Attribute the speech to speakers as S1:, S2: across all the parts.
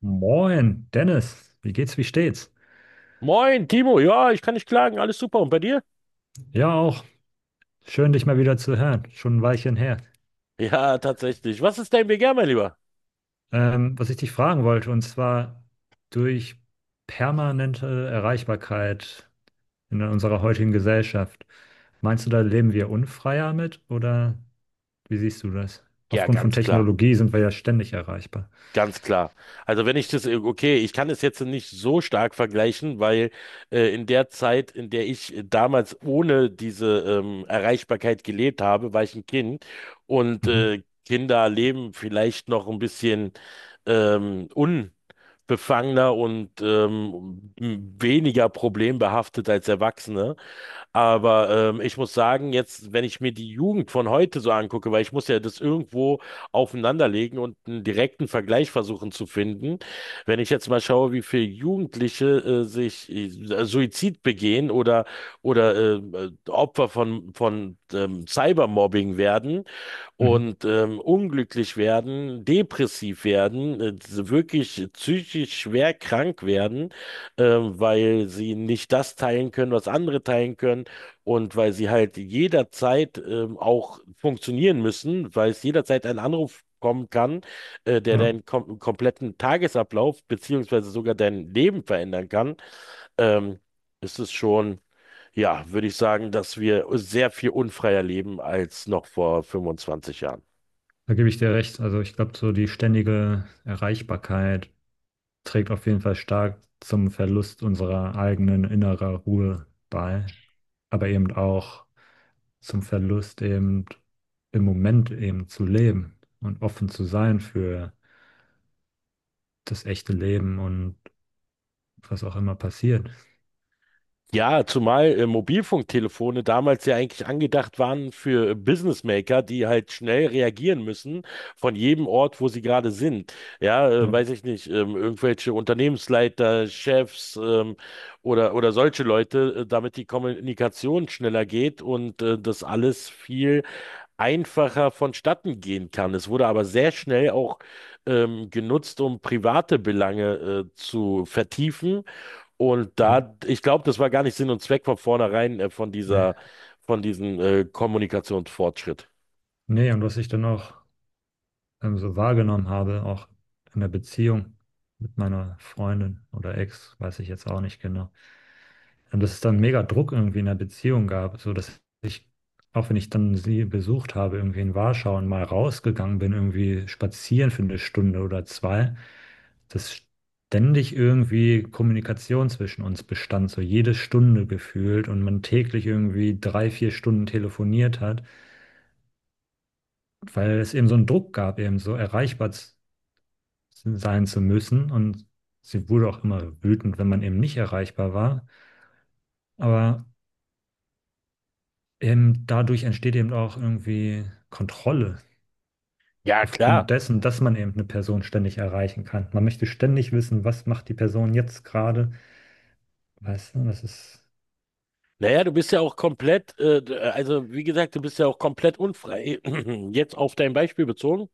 S1: Moin, Dennis. Wie geht's, wie steht's?
S2: Moin, Timo. Ja, ich kann nicht klagen. Alles super. Und bei dir?
S1: Ja, auch. Schön, dich mal wieder zu hören. Schon ein Weilchen her.
S2: Ja, tatsächlich. Was ist dein Begehr, mein Lieber?
S1: Was ich dich fragen wollte, und zwar durch permanente Erreichbarkeit in unserer heutigen Gesellschaft. Meinst du, da leben wir unfreier mit oder wie siehst du das?
S2: Ja,
S1: Aufgrund von
S2: ganz klar.
S1: Technologie sind wir ja ständig erreichbar.
S2: Ganz klar. Also wenn ich das, okay, ich kann es jetzt nicht so stark vergleichen, weil in der Zeit, in der ich damals ohne diese Erreichbarkeit gelebt habe, war ich ein Kind und
S1: Mhm.
S2: Kinder leben vielleicht noch ein bisschen unbefangener und weniger problembehaftet als Erwachsene. Aber ich muss sagen, jetzt, wenn ich mir die Jugend von heute so angucke, weil ich muss ja das irgendwo aufeinanderlegen und einen direkten Vergleich versuchen zu finden. Wenn ich jetzt mal schaue, wie viele Jugendliche sich Suizid begehen oder Opfer von Cybermobbing werden,
S1: Mhm.
S2: und unglücklich werden, depressiv werden, wirklich psychisch schwer krank werden, weil sie nicht das teilen können, was andere teilen können und weil sie halt jederzeit auch funktionieren müssen, weil es jederzeit ein Anruf kommen kann, der
S1: Ja,
S2: deinen kompletten Tagesablauf beziehungsweise sogar dein Leben verändern kann, ähm, ist es schon, ja, würde ich sagen, dass wir sehr viel unfreier leben als noch vor 25 Jahren.
S1: da gebe ich dir recht. Also ich glaube, so die ständige Erreichbarkeit trägt auf jeden Fall stark zum Verlust unserer eigenen innerer Ruhe bei, aber eben auch zum Verlust eben im Moment eben zu leben und offen zu sein für das echte Leben und was auch immer passiert.
S2: Ja, zumal Mobilfunktelefone damals ja eigentlich angedacht waren für Businessmaker, die halt schnell reagieren müssen von jedem Ort, wo sie gerade sind. Ja,
S1: Ja,
S2: weiß ich nicht, irgendwelche Unternehmensleiter, Chefs oder solche Leute, damit die Kommunikation schneller geht und das alles viel einfacher vonstatten gehen kann. Es wurde aber sehr schnell auch genutzt, um private Belange zu vertiefen und
S1: ja.
S2: da, ich glaube, das war gar nicht Sinn und Zweck von vornherein von
S1: Nee.
S2: dieser, von diesem Kommunikationsfortschritt.
S1: Nee, und was ich dann auch so wahrgenommen habe, auch in der Beziehung mit meiner Freundin oder Ex, weiß ich jetzt auch nicht genau. Und dass es dann mega Druck irgendwie in der Beziehung gab, so dass ich, auch wenn ich dann sie besucht habe, irgendwie in Warschau und mal rausgegangen bin, irgendwie spazieren für eine Stunde oder zwei, dass ständig irgendwie Kommunikation zwischen uns bestand, so jede Stunde gefühlt und man täglich irgendwie drei, vier Stunden telefoniert hat, weil es eben so einen Druck gab, eben so sein zu müssen, und sie wurde auch immer wütend, wenn man eben nicht erreichbar war. Aber dadurch entsteht eben auch irgendwie Kontrolle
S2: Ja,
S1: aufgrund
S2: klar.
S1: dessen, dass man eben eine Person ständig erreichen kann. Man möchte ständig wissen, was macht die Person jetzt gerade. Weißt du, das ist.
S2: Naja, du bist ja auch komplett, also wie gesagt, du bist ja auch komplett unfrei. Jetzt auf dein Beispiel bezogen,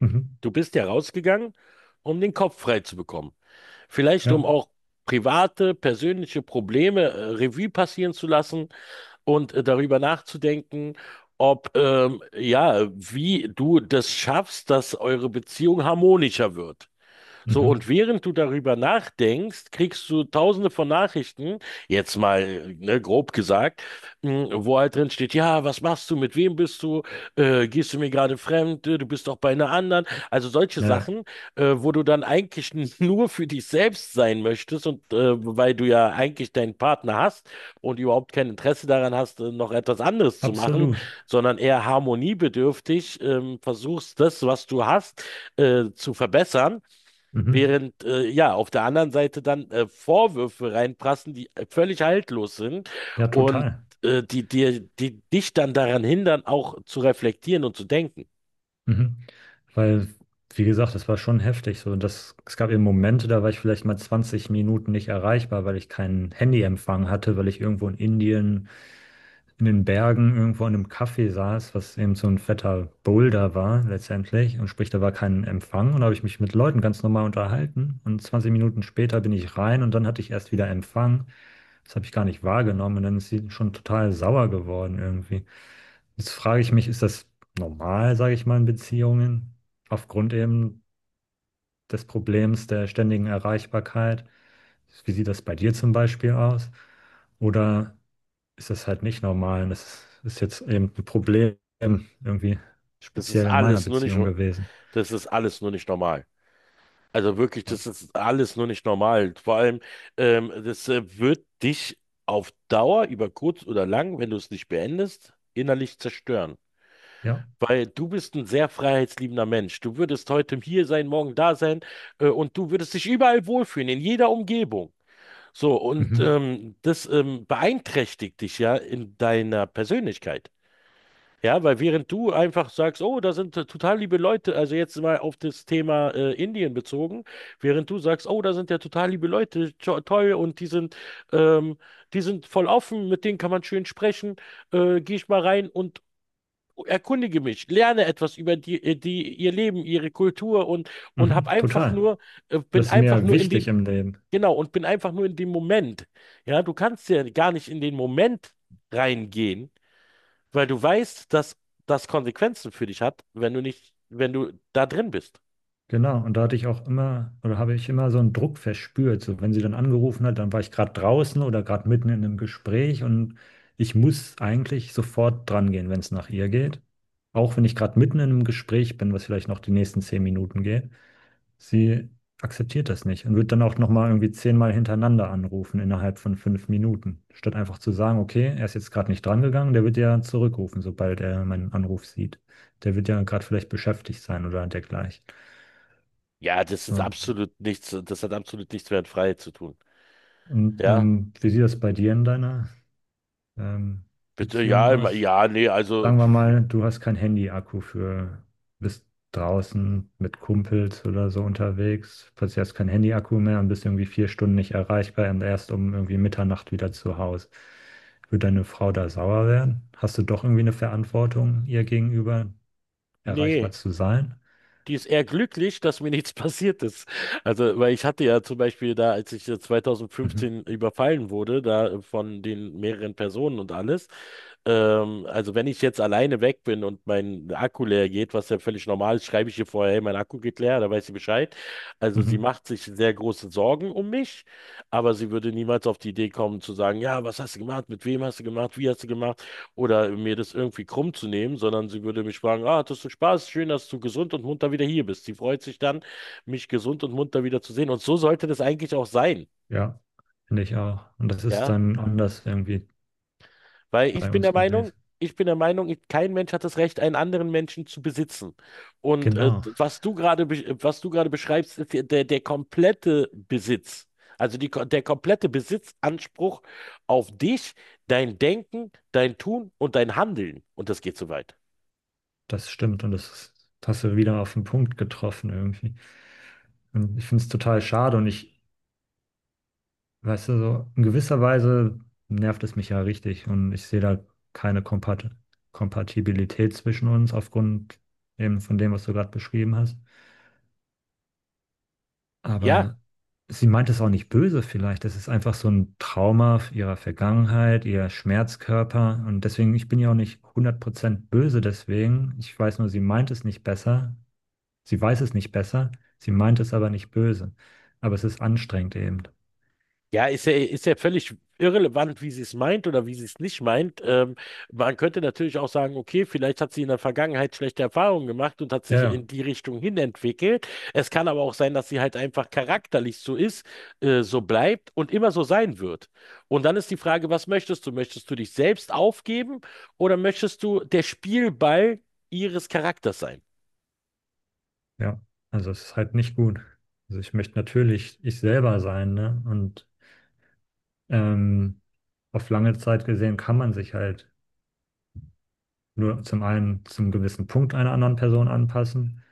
S1: Mhm.
S2: du bist ja rausgegangen, um den Kopf frei zu bekommen. Vielleicht um
S1: Ja,
S2: auch private, persönliche Probleme Revue passieren zu lassen, und darüber nachzudenken, ob, ja, wie du das schaffst, dass eure Beziehung harmonischer wird. So,
S1: mhm.
S2: und während du darüber nachdenkst, kriegst du tausende von Nachrichten, jetzt mal, ne, grob gesagt, wo halt drin steht, ja, was machst du, mit wem bist du, gehst du mir gerade fremd. Du bist doch bei einer anderen. Also solche
S1: Ja, ja.
S2: Sachen, wo du dann eigentlich nur für dich selbst sein möchtest und weil du ja eigentlich deinen Partner hast und überhaupt kein Interesse daran hast, noch etwas anderes zu machen,
S1: Absolut.
S2: sondern eher harmoniebedürftig versuchst, das, was du hast, zu verbessern.
S1: Mhm.
S2: Während ja auf der anderen Seite dann Vorwürfe reinprassen, die völlig haltlos sind
S1: Ja,
S2: und
S1: total.
S2: die dich dann daran hindern, auch zu reflektieren und zu denken.
S1: Mhm. Weil, wie gesagt, das war schon heftig. So, das, es gab eben Momente, da war ich vielleicht mal 20 Minuten nicht erreichbar, weil ich keinen Handyempfang hatte, weil ich irgendwo in Indien in den Bergen irgendwo in einem Café saß, was eben so ein fetter Boulder war letztendlich, und sprich, da war kein Empfang und da habe ich mich mit Leuten ganz normal unterhalten und 20 Minuten später bin ich rein und dann hatte ich erst wieder Empfang. Das habe ich gar nicht wahrgenommen und dann ist sie schon total sauer geworden irgendwie. Jetzt frage ich mich, ist das normal, sage ich mal, in Beziehungen aufgrund eben des Problems der ständigen Erreichbarkeit? Wie sieht das bei dir zum Beispiel aus? Oder ist das halt nicht normal. Und das ist jetzt eben ein Problem irgendwie
S2: Das ist
S1: speziell in meiner
S2: alles nur nicht,
S1: Beziehung gewesen.
S2: Das ist alles nur nicht normal. Also wirklich, das ist alles nur nicht normal. Vor allem, das wird dich auf Dauer, über kurz oder lang, wenn du es nicht beendest, innerlich zerstören.
S1: Ja,
S2: Weil du bist ein sehr freiheitsliebender Mensch. Du würdest heute hier sein, morgen da sein, und du würdest dich überall wohlfühlen, in jeder Umgebung. So, und
S1: mhm.
S2: das beeinträchtigt dich ja in deiner Persönlichkeit. Ja, weil während du einfach sagst, oh, da sind total liebe Leute, also jetzt mal auf das Thema Indien bezogen, während du sagst, oh, da sind ja total liebe Leute, to toll, und ähm, die sind voll offen, mit denen kann man schön sprechen, gehe ich mal rein und erkundige mich, lerne etwas über ihr Leben, ihre Kultur und hab
S1: Mhm.
S2: einfach
S1: Total.
S2: nur, bin
S1: Das ist
S2: einfach
S1: mir
S2: nur in
S1: wichtig
S2: dem,
S1: im Leben.
S2: genau, und bin einfach nur in dem Moment. Ja, du kannst ja gar nicht in den Moment reingehen, weil du weißt, dass das Konsequenzen für dich hat, wenn du da drin bist.
S1: Genau. Und da hatte ich auch immer, oder habe ich immer so einen Druck verspürt. So, wenn sie dann angerufen hat, dann war ich gerade draußen oder gerade mitten in einem Gespräch, und ich muss eigentlich sofort dran gehen, wenn es nach ihr geht. Auch wenn ich gerade mitten in einem Gespräch bin, was vielleicht noch die nächsten zehn Minuten geht. Sie akzeptiert das nicht und wird dann auch nochmal irgendwie zehnmal hintereinander anrufen innerhalb von fünf Minuten, statt einfach zu sagen, okay, er ist jetzt gerade nicht drangegangen, der wird ja zurückrufen, sobald er meinen Anruf sieht. Der wird ja gerade vielleicht beschäftigt sein oder dergleichen.
S2: Ja, das ist
S1: So.
S2: absolut nichts. Das hat absolut nichts mehr mit Freiheit zu tun.
S1: Und
S2: Ja,
S1: wie sieht das bei dir in deiner ähm,
S2: bitte,
S1: Beziehung
S2: ja,
S1: aus?
S2: ja, nee, also,
S1: Sagen wir mal, du hast kein Handy-Akku für, bist draußen mit Kumpels oder so unterwegs, plötzlich hast kein Handy-Akku mehr und bist irgendwie vier Stunden nicht erreichbar und erst um irgendwie Mitternacht wieder zu Hause. Würde deine Frau da sauer werden? Hast du doch irgendwie eine Verantwortung, ihr gegenüber erreichbar
S2: nee.
S1: zu sein?
S2: Die ist eher glücklich, dass mir nichts passiert ist. Also, weil ich hatte ja zum Beispiel da, als ich
S1: Mhm.
S2: 2015 überfallen wurde, da von den mehreren Personen und alles. Also, wenn ich jetzt alleine weg bin und mein Akku leer geht, was ja völlig normal ist, schreibe ich ihr vorher, hey, mein Akku geht leer, da weiß sie Bescheid. Also, sie
S1: Mhm.
S2: macht sich sehr große Sorgen um mich, aber sie würde niemals auf die Idee kommen zu sagen, ja, was hast du gemacht, mit wem hast du gemacht, wie hast du gemacht? Oder mir das irgendwie krumm zu nehmen, sondern sie würde mich fragen, ah, hattest du Spaß? Schön, dass du gesund und munter wieder hier bist. Sie freut sich dann, mich gesund und munter wieder zu sehen. Und so sollte das eigentlich auch sein,
S1: Ja, finde ich auch. Und das ist
S2: ja?
S1: dann anders irgendwie
S2: Weil ich
S1: bei
S2: bin
S1: uns
S2: der Meinung,
S1: gewesen.
S2: ich bin der Meinung, ich- kein Mensch hat das Recht, einen anderen Menschen zu besitzen. Und
S1: Genau.
S2: was du gerade beschreibst, ist ja der komplette Besitz. Also der komplette Besitzanspruch auf dich, dein Denken, dein Tun und dein Handeln. Und das geht so weit.
S1: Das stimmt, und das ist- hast du wieder auf den Punkt getroffen irgendwie. Und ich finde es total schade und ich, weißt du, so in gewisser Weise nervt es mich ja richtig und ich sehe da keine Kompat Kompatibilität zwischen uns aufgrund eben von dem, was du gerade beschrieben hast.
S2: Ja,
S1: Aber sie meint es auch nicht böse vielleicht. Das ist einfach so ein Trauma ihrer Vergangenheit, ihr Schmerzkörper und deswegen, ich bin ja auch nicht 100% böse deswegen. Ich weiß nur, sie meint es nicht besser. Sie weiß es nicht besser, sie meint es aber nicht böse. Aber es ist anstrengend eben.
S2: ja, ist ja völlig irrelevant, wie sie es meint oder wie sie es nicht meint. Man könnte natürlich auch sagen, okay, vielleicht hat sie in der Vergangenheit schlechte Erfahrungen gemacht und hat
S1: Ja,
S2: sich
S1: ja,
S2: in die Richtung hin entwickelt. Es kann aber auch sein, dass sie halt einfach charakterlich so ist, so bleibt und immer so sein wird. Und dann ist die Frage, was möchtest du? Möchtest du dich selbst aufgeben oder möchtest du der Spielball ihres Charakters sein?
S1: ja. Also es ist halt nicht gut. Also ich möchte natürlich ich selber sein, ne? Und ähm, auf lange Zeit gesehen kann man sich halt nur zum einen zum gewissen Punkt einer anderen Person anpassen,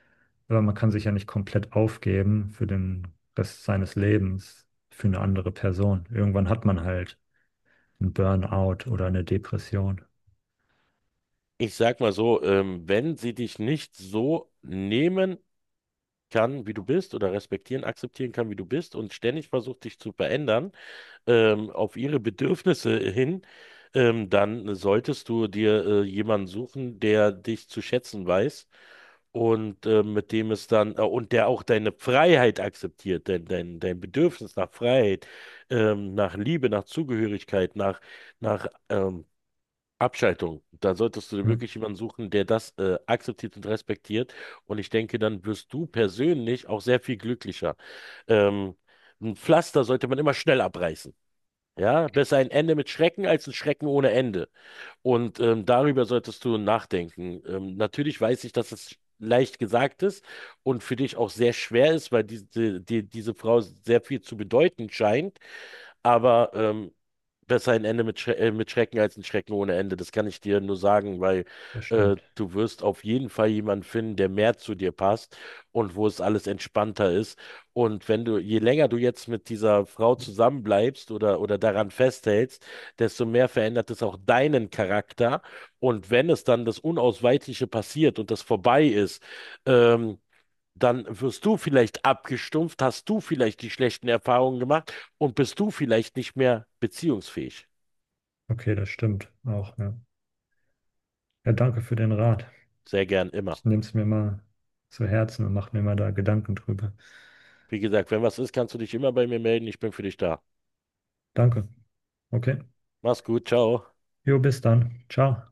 S1: aber man kann sich ja nicht komplett aufgeben für den Rest seines Lebens für eine andere Person. Irgendwann hat man halt einen Burnout oder eine Depression.
S2: Ich sag mal so, wenn sie dich nicht so nehmen kann, wie du bist oder respektieren, akzeptieren kann, wie du bist und ständig versucht, dich zu verändern, auf ihre Bedürfnisse hin, dann solltest du dir jemanden suchen, der dich zu schätzen weiß und mit dem es dann und der auch deine Freiheit akzeptiert, dein Bedürfnis nach Freiheit, nach Liebe, nach Zugehörigkeit, nach Abschaltung. Da solltest du dir
S1: Ja,
S2: wirklich jemanden suchen, der das akzeptiert und respektiert. Und ich denke, dann wirst du persönlich auch sehr viel glücklicher. Ähm, ein Pflaster sollte man immer schnell abreißen. Ja, besser ein Ende mit Schrecken als ein Schrecken ohne Ende. Und darüber solltest du nachdenken. Natürlich weiß ich, dass es leicht gesagt ist und für dich auch sehr schwer ist, weil diese Frau sehr viel zu bedeuten scheint. Aber besser ein Ende mit, Schre mit Schrecken als ein Schrecken ohne Ende. Das kann ich dir nur sagen, weil
S1: das stimmt.
S2: du wirst auf jeden Fall jemanden finden, der mehr zu dir passt und wo es alles entspannter ist. Und wenn du, je länger du jetzt mit dieser Frau zusammenbleibst oder daran festhältst, desto mehr verändert es auch deinen Charakter. Und wenn es dann das Unausweichliche passiert und das vorbei ist, ähm, dann wirst du vielleicht abgestumpft, hast du vielleicht die schlechten Erfahrungen gemacht und bist du vielleicht nicht mehr beziehungsfähig.
S1: Okay, das stimmt auch, ja. Ja, danke für den Rat.
S2: Sehr gern immer.
S1: Ich nehme es mir mal zu Herzen und mache mir mal da Gedanken drüber.
S2: Wie gesagt, wenn was ist, kannst du dich immer bei mir melden. Ich bin für dich da.
S1: Danke. Okay.
S2: Mach's gut, ciao.
S1: Jo, bis dann. Ciao.